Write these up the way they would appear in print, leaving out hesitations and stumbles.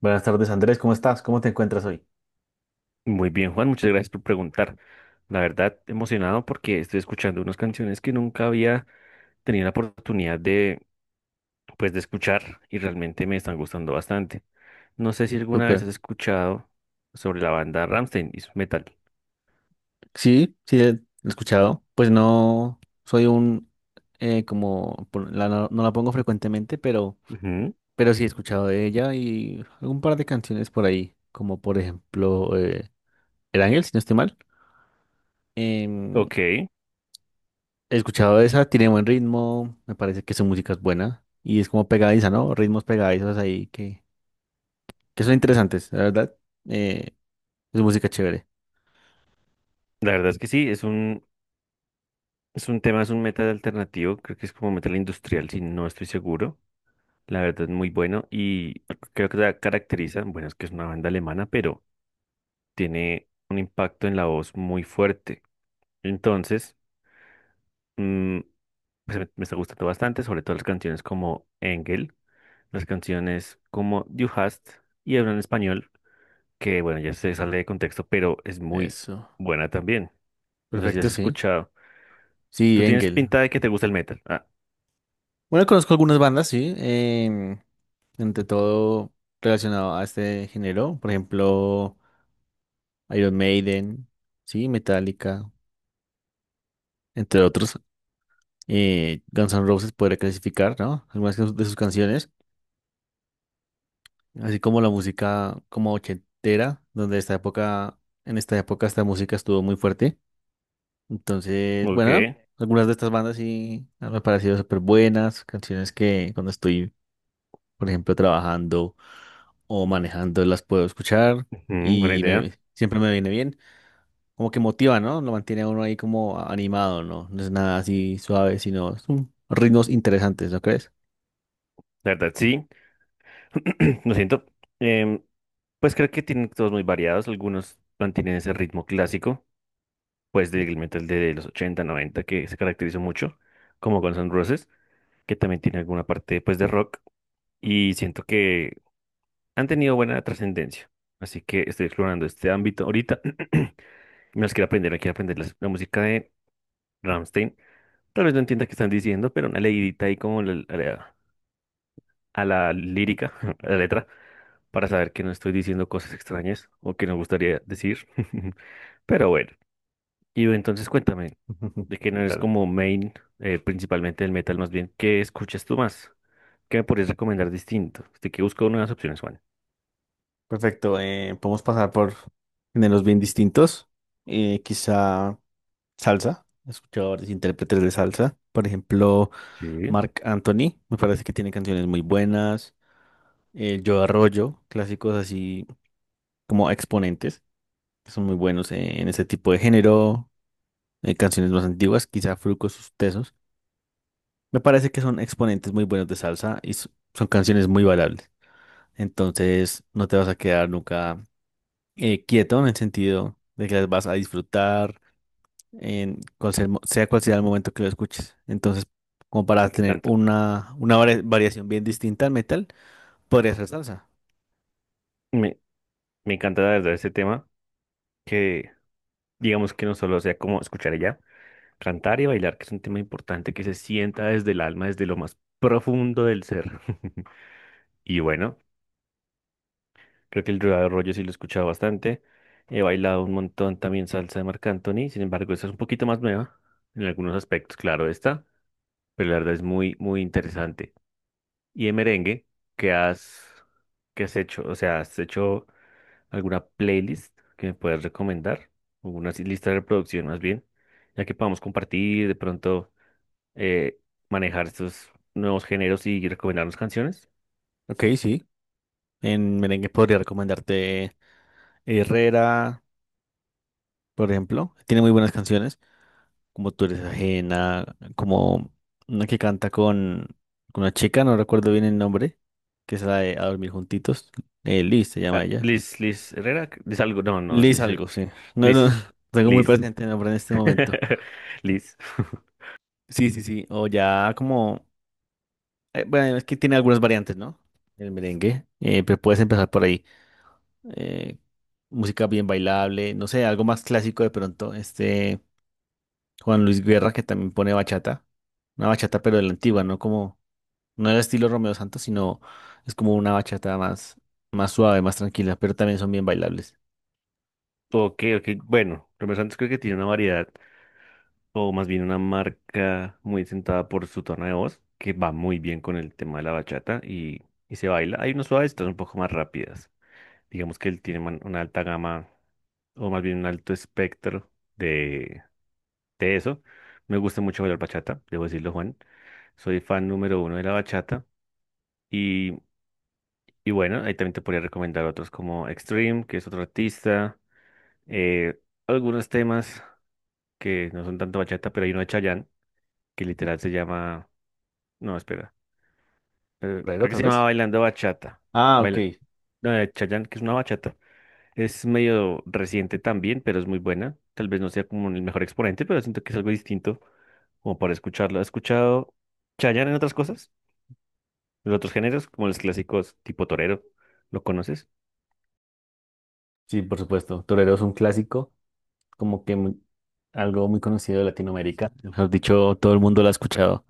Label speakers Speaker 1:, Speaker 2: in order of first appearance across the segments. Speaker 1: Buenas tardes, Andrés. ¿Cómo estás? ¿Cómo te encuentras hoy?
Speaker 2: Muy bien, Juan, muchas gracias por preguntar. La verdad, emocionado porque estoy escuchando unas canciones que nunca había tenido la oportunidad de, pues, de escuchar y realmente me están gustando bastante. No sé si alguna vez
Speaker 1: Súper.
Speaker 2: has escuchado sobre la banda Rammstein y su metal.
Speaker 1: Sí, sí, he escuchado. Pues no soy un, como, la, no, no la pongo frecuentemente,
Speaker 2: Ujú.
Speaker 1: pero sí he escuchado de ella y algún par de canciones por ahí, como por ejemplo El Ángel, si no estoy mal. Em,
Speaker 2: Ok,
Speaker 1: He escuchado esa, tiene buen ritmo, me parece que su música es buena y es como pegadiza, ¿no? Ritmos pegadizos ahí que son interesantes, la verdad. Eh, es música chévere.
Speaker 2: la verdad es que sí, es un tema, es un metal alternativo, creo que es como metal industrial, si no estoy seguro. La verdad es muy bueno y creo que la caracteriza, bueno, es que es una banda alemana, pero tiene un impacto en la voz muy fuerte. Entonces, mm, pues me está gustando bastante, sobre todo las canciones como Engel, las canciones como Du hast y Habla en Español, que bueno, ya se sale de contexto, pero es muy
Speaker 1: Eso.
Speaker 2: buena también. No sé si
Speaker 1: Perfecto,
Speaker 2: has
Speaker 1: sí.
Speaker 2: escuchado.
Speaker 1: Sí,
Speaker 2: Tú tienes
Speaker 1: Engel.
Speaker 2: pinta de que te gusta el metal. Ah,
Speaker 1: Bueno, conozco algunas bandas, sí. Entre todo relacionado a este género. Por ejemplo, Iron Maiden, sí, Metallica, entre otros. Guns N' Roses podría clasificar, ¿no? Algunas de sus canciones. Así como la música como ochentera, en esta época esta música estuvo muy fuerte. Entonces,
Speaker 2: ok.
Speaker 1: bueno, algunas de estas bandas sí me han parecido súper buenas. Canciones que cuando estoy por ejemplo, trabajando o manejando, las puedo escuchar
Speaker 2: Ujú, buena
Speaker 1: y
Speaker 2: idea.
Speaker 1: siempre me viene bien. Como que motiva, ¿no? Lo mantiene a uno ahí como animado, ¿no? No es nada así suave, sino son ritmos interesantes, ¿no crees?
Speaker 2: La verdad, sí. Lo siento. Em, pues creo que tienen todos muy variados. Algunos mantienen ese ritmo clásico, pues del metal de los 80 90 que se caracterizó mucho, como Guns N' Roses, que también tiene alguna parte pues de rock y siento que han tenido buena trascendencia. Así que estoy explorando este ámbito ahorita. Me las quiero aprender la música de Rammstein. Tal vez no entienda qué están diciendo, pero una leidita ahí como a la lírica, a la letra, para saber que no estoy diciendo cosas extrañas o que no gustaría decir. Pero bueno, y entonces cuéntame,
Speaker 1: Ujú,
Speaker 2: de que no eres
Speaker 1: claro.
Speaker 2: como main, principalmente el metal más bien, ¿qué escuchas tú más? ¿Qué me podrías recomendar distinto? Estoy que busco nuevas opciones, Juan.
Speaker 1: Perfecto. Podemos pasar por géneros bien distintos. Quizá salsa. He escuchado varios intérpretes de salsa. Por ejemplo,
Speaker 2: Sí, me
Speaker 1: Marc Anthony. Me parece que tiene canciones muy buenas. Joe Arroyo. Clásicos así como exponentes. Que son muy buenos en ese tipo de género, canciones más antiguas, quizá Fruco, sus tesos. Me parece que son exponentes muy buenos de salsa y son canciones muy bailables. Entonces, no te vas a quedar nunca quieto en el sentido de que las vas a disfrutar, en cual sea, sea cual sea el momento que lo escuches. Entonces, como para tener
Speaker 2: encanta.
Speaker 1: una variación bien distinta al metal, podría ser salsa.
Speaker 2: Me, me encanta la verdad este tema, que digamos que no solo sea como escuchar ella cantar y bailar, que es un tema importante que se sienta desde el alma, desde lo más profundo del ser. Y bueno, creo que el Rueda de Rollo sí lo he escuchado bastante. He bailado un montón también salsa de Marc Anthony, sin embargo, esta es un poquito más nueva en algunos aspectos, claro, esta, pero la verdad es muy, muy interesante. Y de merengue, ¿qué has, ¿qué has hecho? O sea, ¿has hecho alguna playlist que me puedas recomendar? O una así lista de reproducción más bien, ya que podamos compartir, de pronto eh, manejar estos nuevos géneros y recomendarnos canciones.
Speaker 1: Ok, sí. En merengue podría recomendarte Herrera, por ejemplo. Tiene muy buenas canciones. Como tú eres ajena, como una que canta con una chica, no recuerdo bien el nombre, que es la de A Dormir Juntitos, Liz se
Speaker 2: Ah,
Speaker 1: llama ella.
Speaker 2: Liz, Liz Herrera, Liz algo, no, no,
Speaker 1: Liz
Speaker 2: Liz,
Speaker 1: algo, sí. No, no,
Speaker 2: Liz,
Speaker 1: tengo muy
Speaker 2: Liz,
Speaker 1: presente el nombre en este momento.
Speaker 2: Liz.
Speaker 1: Sí, sí, sí, o ya como, bueno, es que tiene algunas variantes, ¿no? El merengue, pero puedes empezar por ahí. Eh, Música bien bailable, no sé, algo más clásico de pronto, este Juan Luis Guerra que también pone bachata, una bachata pero de la antigua, ¿no? Como... No era estilo Romeo Santos, sino es como una bachata más, más suave, más tranquila, pero también son bien bailables.
Speaker 2: Ok, ok, bueno, Romeo Santos creo que tiene una variedad o más bien una marca muy sentada por su tono de voz, que va muy bien con el tema de la bachata y se baila. Hay unas suaves, otras un poco más rápidas. Digamos que él tiene una alta gama, o más bien un alto espectro de, de eso. Me gusta mucho bailar bachata, debo decirlo, Juan. Soy fan número 1 de la bachata. Y, y bueno, ahí también te podría recomendar otros como Extreme, que es otro artista. eh, Algunos temas que no son tanto bachata, pero hay uno de Chayanne, que literal se llama... No, espera.
Speaker 1: ¿Torero,
Speaker 2: Creo que
Speaker 1: tal
Speaker 2: se llama
Speaker 1: vez?
Speaker 2: Bailando Bachata.
Speaker 1: Ah, ok.
Speaker 2: Baila- no, de Chayanne, que es una bachata. Es medio reciente también, pero es muy buena. Tal vez no sea como el mejor exponente, pero siento que es algo distinto como para escucharlo. ¿Has escuchado Chayanne en otras cosas? En otros géneros, como los clásicos tipo torero. ¿Lo conoces?
Speaker 1: Sí, por supuesto. Torero es un clásico, como que muy- algo muy conocido de Latinoamérica. Mejor dicho, todo el mundo lo ha escuchado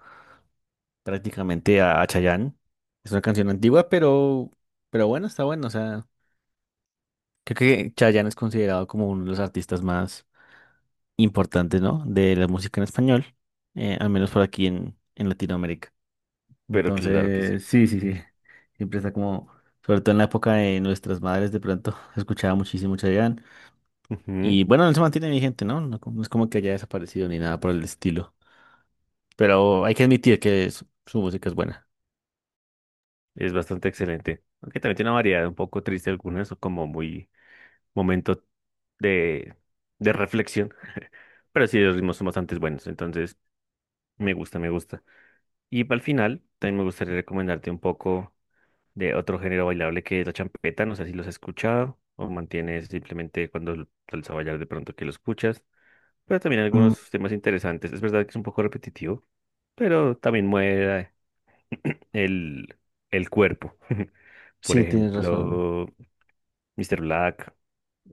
Speaker 1: prácticamente a Chayanne. Es una canción antigua, pero bueno, está bueno. O sea, creo que Chayanne es considerado como uno de los artistas más importantes, ¿no? De la música en español, al menos por aquí en Latinoamérica.
Speaker 2: Pero claro que sí.
Speaker 1: Entonces, sí, sí, sí.
Speaker 2: Ujú.
Speaker 1: Siempre está como, sobre todo en la época de nuestras madres, de pronto escuchaba muchísimo Chayanne.
Speaker 2: Ujú.
Speaker 1: Y bueno, no se mantiene vigente, ¿no? No, no es como que haya desaparecido ni nada por el estilo. Pero hay que admitir que su música es buena.
Speaker 2: Es bastante excelente. Aunque también tiene una variedad un poco triste algunas, o como muy momento de, de reflexión. Pero sí, los ritmos son bastante buenos. Entonces. Me gusta, me gusta. Y para el final, también me gustaría recomendarte un poco de otro género bailable que es la champeta. No sé si los has escuchado o mantienes simplemente cuando sales a bailar de pronto que lo escuchas. Pero también
Speaker 1: Mm,
Speaker 2: algunos temas interesantes. Es verdad que es un poco repetitivo, pero también mueve el, el cuerpo. Por
Speaker 1: sí, tienes razón.
Speaker 2: ejemplo, Mr. Black,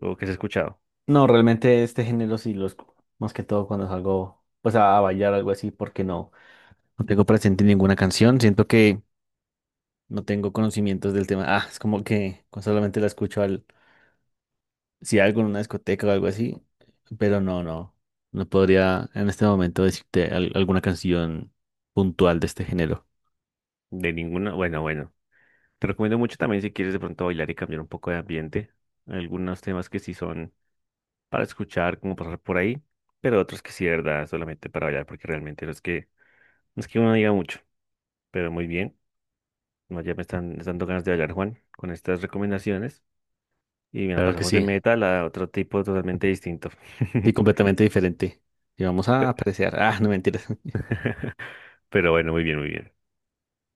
Speaker 2: o que has escuchado.
Speaker 1: No, realmente este género sí más que todo cuando salgo pues a bailar algo así, porque no, no tengo presente ninguna canción. Siento que no tengo conocimientos del tema. Ah, es como que solamente la escucho al si algo en una discoteca o algo así, pero no, no, no podría en este momento decirte alguna canción puntual de este género.
Speaker 2: De ninguna. Bueno, bueno. Te recomiendo mucho también si quieres de pronto bailar y cambiar un poco de ambiente. Algunos temas que sí son para escuchar, como pasar por ahí, pero otros que sí, de verdad, solamente para bailar, porque realmente no es que uno no diga mucho, pero muy bien. No, ya me están dando ganas de bailar, Juan, con estas recomendaciones. Y mira,
Speaker 1: Claro que
Speaker 2: pasamos de
Speaker 1: sí,
Speaker 2: metal a otro tipo totalmente distinto.
Speaker 1: sí, completamente diferente. Y vamos a
Speaker 2: Pe-
Speaker 1: apreciar. Ah, no mentiras.
Speaker 2: Pero bueno, muy bien, muy bien.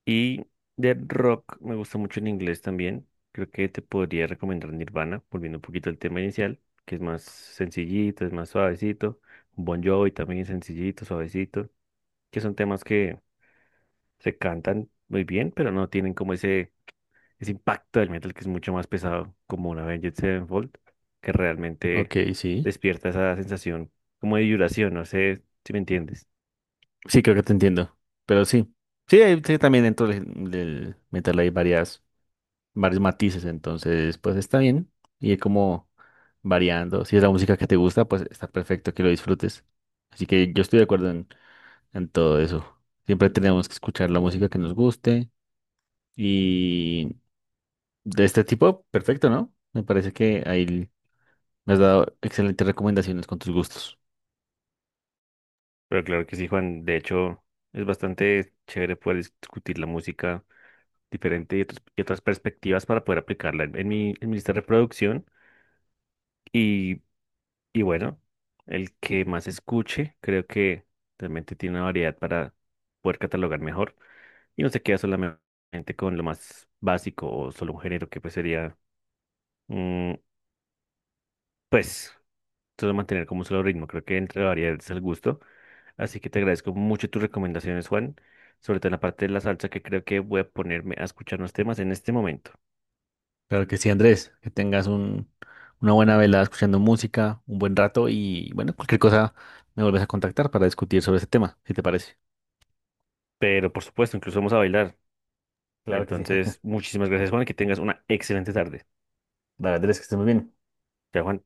Speaker 2: Y de rock me gusta mucho en inglés también. Creo que te podría recomendar Nirvana, volviendo un poquito al tema inicial, que es más sencillito, es más suavecito. Bon Jovi también es sencillito, suavecito, que son temas que se cantan muy bien, pero no tienen como ese impacto del metal que es mucho más pesado, como una Avenged Sevenfold, que realmente
Speaker 1: Ok, sí.
Speaker 2: despierta esa sensación como de vibración, no sé si me entiendes.
Speaker 1: Sí, creo que te entiendo. Pero sí. Sí, sí, también dentro del metal hay varias, varios matices, entonces pues está bien. Y como variando. Si es la música que te gusta, pues está perfecto que lo disfrutes. Así que yo estoy de acuerdo en todo eso. Siempre tenemos que escuchar la música que nos guste. Y de este tipo, perfecto, ¿no? Me parece que ahí me has dado excelentes recomendaciones con tus gustos.
Speaker 2: Pero claro que sí, Juan, de hecho es bastante chévere poder discutir la música diferente y otras perspectivas para poder aplicarla en mi lista de reproducción. Y Y bueno, el que más escuche, creo que realmente tiene una variedad para poder catalogar mejor y no se queda solamente con lo más básico o solo un género que pues sería, mm, pues, solo mantener como un solo ritmo. Creo que entre la variedad es el gusto. Así que te agradezco mucho tus recomendaciones, Juan, sobre todo en la parte de la salsa que creo que voy a ponerme a escuchar unos temas en este momento.
Speaker 1: Claro que sí, Andrés, que tengas un, una buena velada escuchando música, un buen rato y bueno, cualquier cosa me vuelves a contactar para discutir sobre ese tema, si te parece.
Speaker 2: Pero por supuesto, incluso vamos a bailar.
Speaker 1: Claro que sí.
Speaker 2: Entonces, muchísimas gracias, Juan, y que tengas una excelente tarde.
Speaker 1: Dale, Andrés, que estés muy bien.
Speaker 2: Chao, Juan.